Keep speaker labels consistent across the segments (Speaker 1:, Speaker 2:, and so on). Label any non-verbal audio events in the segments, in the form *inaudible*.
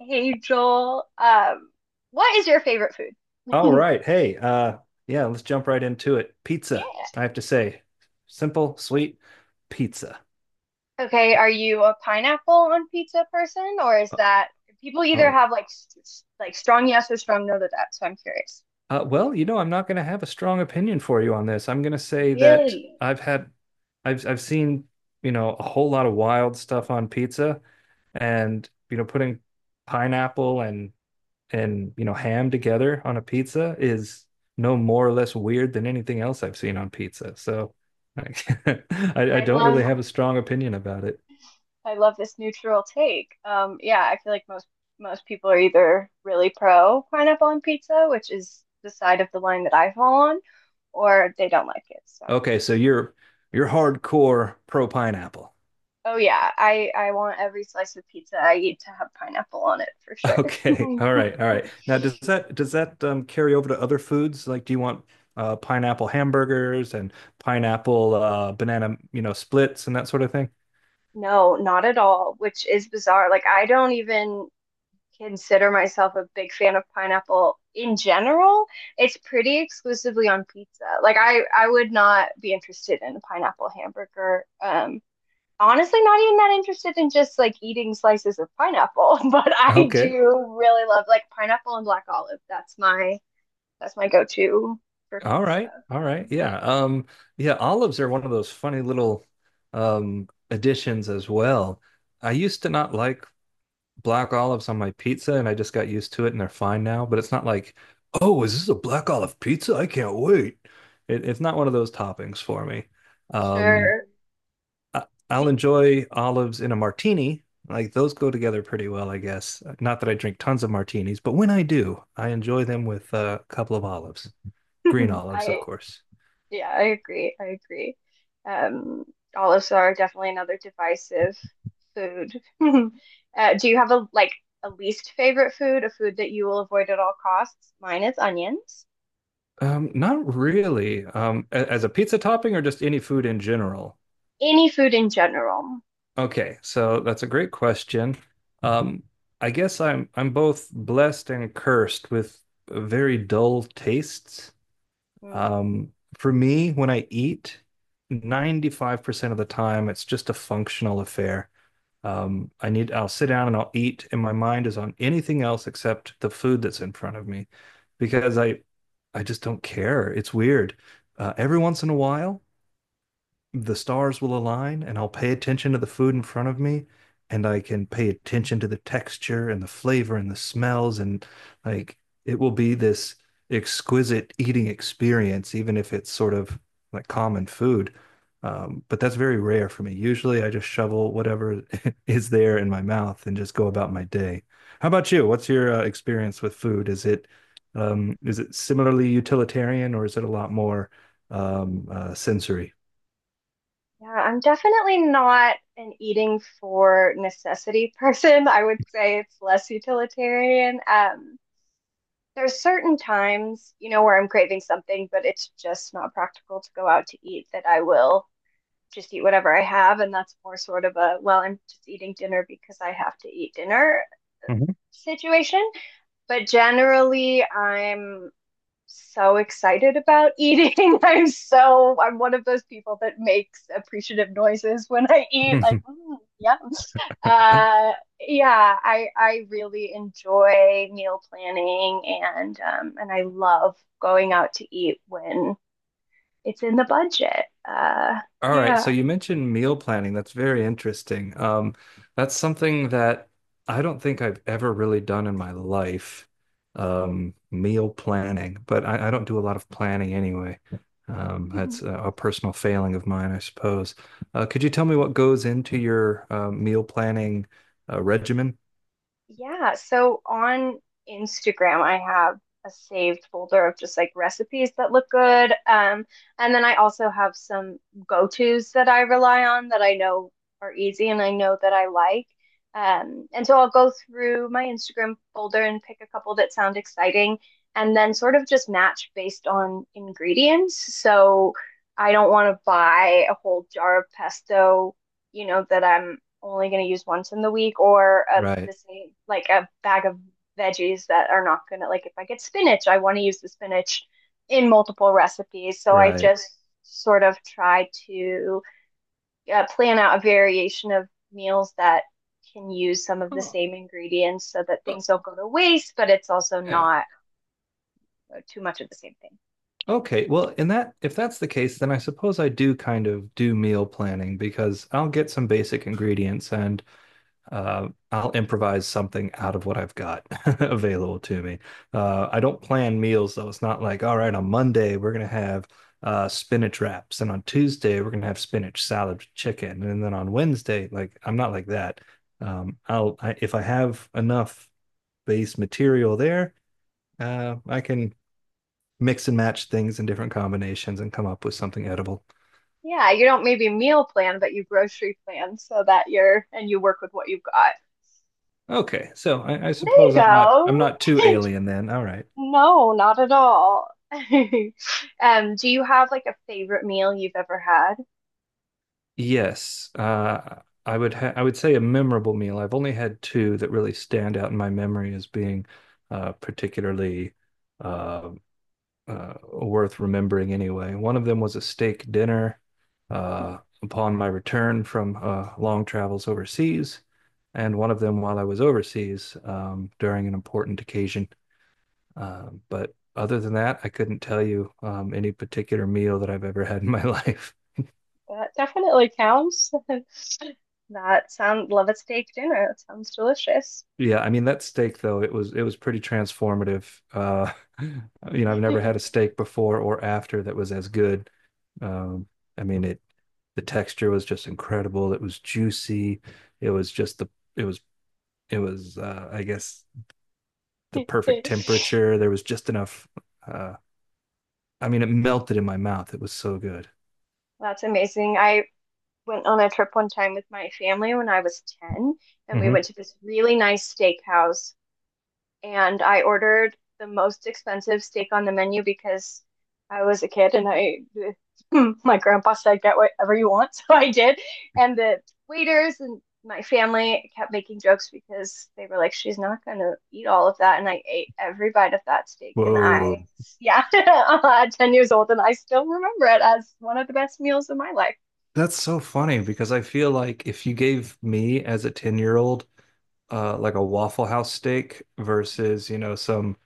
Speaker 1: Hey Joel, what is your favorite
Speaker 2: All
Speaker 1: food? *laughs*
Speaker 2: right. Yeah, let's jump right into it. Pizza,
Speaker 1: Yeah.
Speaker 2: I have to say. Simple, sweet pizza.
Speaker 1: Okay, are you a pineapple on pizza person, or is
Speaker 2: Uh,
Speaker 1: that people either
Speaker 2: Oh,
Speaker 1: have like like strong yes or strong no to that? So I'm curious.
Speaker 2: well, you know, I'm not going to have a strong opinion for you on this. I'm going to say that
Speaker 1: Really?
Speaker 2: I've had, I've seen, you know, a whole lot of wild stuff on pizza and, you know, putting pineapple and, and, you know, ham together on a pizza is no more or less weird than anything else I've seen on pizza. So *laughs* I, I
Speaker 1: I
Speaker 2: don't really have
Speaker 1: love
Speaker 2: a strong opinion about it.
Speaker 1: I love this neutral take. Yeah, I feel like most people are either really pro pineapple on pizza, which is the side of the line that I fall on, or they don't like it. So.
Speaker 2: Okay, so you're hardcore pro pineapple. *laughs*
Speaker 1: Oh yeah, I want every slice of pizza I eat to have pineapple on it for sure.
Speaker 2: Okay, all
Speaker 1: *laughs*
Speaker 2: right, all right. Now, does that carry over to other foods? Like, do you want pineapple hamburgers and pineapple banana, you know, splits and that sort of thing?
Speaker 1: No, not at all, which is bizarre. Like I don't even consider myself a big fan of pineapple in general. It's pretty exclusively on pizza. Like I would not be interested in a pineapple hamburger. Honestly not even that interested in just like eating slices of pineapple, *laughs* but I
Speaker 2: Okay,
Speaker 1: do really love like pineapple and black olive. That's my go-to for
Speaker 2: all
Speaker 1: pizza.
Speaker 2: right, all right. Yeah,
Speaker 1: Mhm.
Speaker 2: yeah. Olives are one of those funny little additions as well. I used to not like black olives on my pizza and I just got used to it and they're fine now. But it's not like, oh, is this a black olive pizza? I can't wait. It's not one of those toppings for me. Um,
Speaker 1: Sure.
Speaker 2: I, I'll enjoy olives in a martini. Like those go together pretty well, I guess. Not that I drink tons of martinis, but when I do, I enjoy them with a couple of olives, green
Speaker 1: *laughs*
Speaker 2: olives, of
Speaker 1: I
Speaker 2: course.
Speaker 1: yeah, I agree. I agree. Um, olives are definitely another divisive food. *laughs* Do you have a least favorite food, a food that you will avoid at all costs? Mine is onions.
Speaker 2: Not really. As a pizza topping or just any food in general?
Speaker 1: Any food in general.
Speaker 2: Okay, so that's a great question. Um, I guess I'm both blessed and cursed with very dull tastes.
Speaker 1: Hmm.
Speaker 2: Um, for me, when I eat, 95% of the time, it's just a functional affair. I'll sit down and I'll eat, and my mind is on anything else except the food that's in front of me, because I just don't care. It's weird. Every once in a while the stars will align and I'll pay attention to the food in front of me and I can pay attention to the texture and the flavor and the smells and like it will be this exquisite eating experience even if it's sort of like common food. But that's very rare for me. Usually I just shovel whatever *laughs* is there in my mouth and just go about my day. How about you? What's your experience with food? Is it similarly utilitarian or is it a lot more sensory?
Speaker 1: Yeah, I'm definitely not an eating for necessity *laughs* person. I would say it's less utilitarian. There's certain times, you know, where I'm craving something, but it's just not practical to go out to eat that I will just eat whatever I have. And that's more sort of a, well, I'm just eating dinner because I have to eat dinner
Speaker 2: Mhm.
Speaker 1: situation. But generally, I'm so excited about eating. *laughs* I'm one of those people that makes appreciative noises when I eat, like
Speaker 2: Mhm.
Speaker 1: mm, yeah,
Speaker 2: *laughs*
Speaker 1: uh, yeah. I really enjoy meal planning and I love going out to eat when it's in the budget.
Speaker 2: All right, so
Speaker 1: Yeah.
Speaker 2: you mentioned meal planning. That's very interesting. That's something that I don't think I've ever really done in my life. Meal planning, but I don't do a lot of planning anyway. That's
Speaker 1: *laughs*
Speaker 2: a personal failing of mine, I suppose. Could you tell me what goes into your meal planning regimen?
Speaker 1: Yeah, so on Instagram, I have a saved folder of just like recipes that look good. And then I also have some go-tos that I rely on that I know are easy and I know that I like. And so I'll go through my Instagram folder and pick a couple that sound exciting and then sort of just match based on ingredients. So I don't want to buy a whole jar of pesto, you know, that I'm only going to use once in the week or a the
Speaker 2: Right,
Speaker 1: same like a bag of veggies that are not going to like if I get spinach, I want to use the spinach in multiple recipes. So I
Speaker 2: right.
Speaker 1: just sort of try to plan out a variation of meals that can use some of the
Speaker 2: Oh,
Speaker 1: same ingredients so that
Speaker 2: oh,
Speaker 1: things don't go to waste, but it's also
Speaker 2: yeah.
Speaker 1: not too much of the same thing.
Speaker 2: Okay, well, in that if that's the case, then I suppose I do kind of do meal planning because I'll get some basic ingredients and I'll improvise something out of what I've got *laughs* available to me. I don't plan meals though. It's not like, all right, on Monday we're gonna have spinach wraps, and on Tuesday we're gonna have spinach salad with chicken, and then on Wednesday, like I'm not like that. If I have enough base material there, I can mix and match things in different combinations and come up with something edible.
Speaker 1: Yeah, you don't maybe meal plan, but you grocery plan so that you work with what you've got.
Speaker 2: Okay, so I
Speaker 1: There you
Speaker 2: suppose I'm
Speaker 1: go.
Speaker 2: not too
Speaker 1: *laughs*
Speaker 2: alien then. All right.
Speaker 1: No, not at all. *laughs* Do you have like a favorite meal you've ever had?
Speaker 2: Yes, I would say a memorable meal. I've only had two that really stand out in my memory as being particularly uh, worth remembering. Anyway, one of them was a steak dinner uh,
Speaker 1: *laughs*
Speaker 2: upon my return from long travels overseas, and one of them while I was overseas during an important occasion. But other than that, I couldn't tell you any particular meal that I've ever had in my life. *laughs*
Speaker 1: That definitely counts. *laughs* That sound love a steak dinner. That sounds delicious.
Speaker 2: Yeah, I mean that steak though, it was pretty transformative. Uh, *laughs* you know, I've never had a steak before or after that was as good. Um, I mean it The texture was just incredible. It was juicy. It was just the it was it was I guess the perfect temperature. There was just enough uh, I mean it melted in my mouth. It was so good.
Speaker 1: *laughs* That's amazing. I went on a trip one time with my family when I was 10, and we went
Speaker 2: Hmm.
Speaker 1: to this really nice steakhouse and I ordered the most expensive steak on the menu because I was a kid and I *laughs* my grandpa said get whatever you want, *laughs* so I did. And the waiters and my family kept making jokes because they were like, "She's not gonna eat all of that," and I ate every bite of that steak.
Speaker 2: Whoa.
Speaker 1: Yeah, *laughs* at 10 years old, and I still remember it as one of the best meals of my life.
Speaker 2: That's so funny because I feel like if you gave me as a 10-year-old like a Waffle House steak versus, you know, some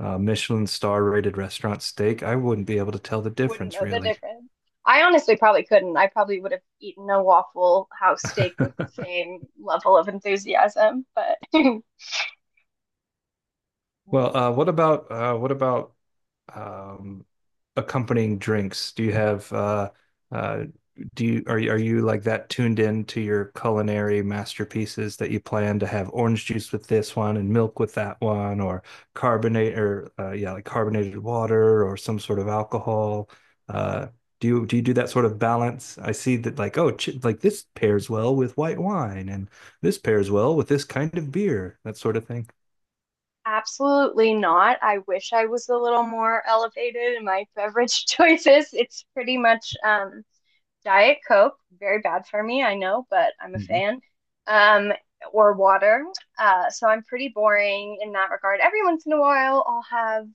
Speaker 2: Michelin star rated restaurant steak, I wouldn't be able to tell the
Speaker 1: Wouldn't
Speaker 2: difference
Speaker 1: know the
Speaker 2: really.
Speaker 1: difference. I honestly probably couldn't. I probably would have eaten a Waffle House steak with the
Speaker 2: *laughs*
Speaker 1: same level of enthusiasm, but *laughs*
Speaker 2: Well, what about um, accompanying drinks? Do you have uh, do you are are you like that tuned in to your culinary masterpieces that you plan to have orange juice with this one and milk with that one or carbonate or yeah like carbonated water or some sort of alcohol? Uh, do you do that sort of balance? I see that like oh ch like this pairs well with white wine and this pairs well with this kind of beer that sort of thing.
Speaker 1: absolutely not. I wish I was a little more elevated in my *laughs* beverage choices. It's pretty much Diet Coke, very bad for me, I know, but I'm a
Speaker 2: Mhm.
Speaker 1: fan. Um, or water. So I'm pretty boring in that regard. Every once in a while, I'll have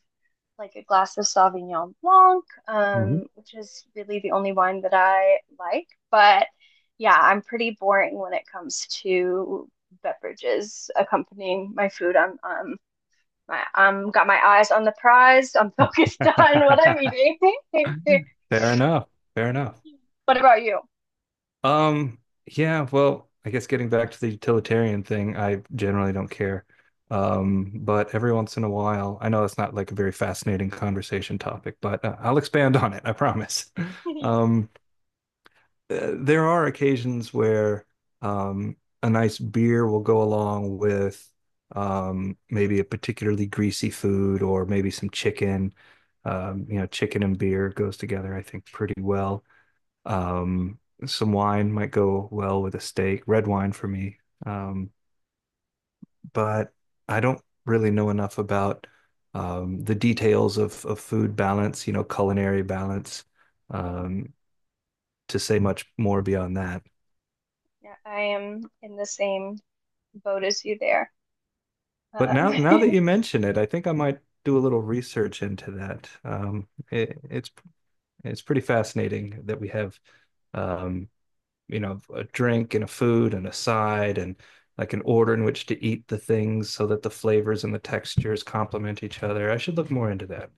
Speaker 1: like a glass of Sauvignon Blanc,
Speaker 2: Mhm.
Speaker 1: which is really the only wine that I like. But yeah, I'm pretty boring when it comes to beverages accompanying my food. I'm my got my eyes on the prize. I'm *laughs* focused on what I'm
Speaker 2: *laughs*
Speaker 1: eating. *laughs*
Speaker 2: Fair enough. Fair enough.
Speaker 1: What about you?
Speaker 2: Um, yeah, well, I guess getting back to the utilitarian thing, I generally don't care. But every once in a while, I know that's not like a very fascinating conversation topic, but I'll expand on it, I promise. *laughs*
Speaker 1: *laughs*
Speaker 2: Um, there are occasions where um, a nice beer will go along with maybe a particularly greasy food or maybe some chicken. You know, chicken and beer goes together, I think, pretty well. Um, some wine might go well with a steak, red wine for me. Um, but I don't really know enough about the details of food balance, you know, culinary balance, um, to say much more beyond that.
Speaker 1: Yeah, I am in the same boat as you there.
Speaker 2: But
Speaker 1: Uh,
Speaker 2: now that you
Speaker 1: *laughs*
Speaker 2: mention it, I think I might do a little research into that. It's pretty fascinating that we have um, you know, a drink and a food and a side and like an order in which to eat the things so that the flavors and the textures complement each other. I should look more into that.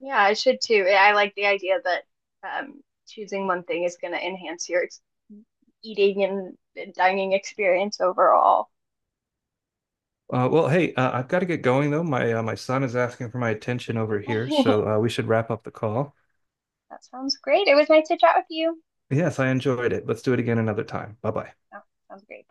Speaker 1: Yeah, I should too. I like the idea that um, choosing one thing is going to enhance your ex eating and dining experience overall.
Speaker 2: I've got to get going though. My son is asking for my attention over here, so
Speaker 1: *laughs*
Speaker 2: we should wrap up the call.
Speaker 1: That sounds great. It was nice to chat with you.
Speaker 2: Yes, I enjoyed it. Let's do it again another time. Bye bye.
Speaker 1: Oh, sounds great. Bye.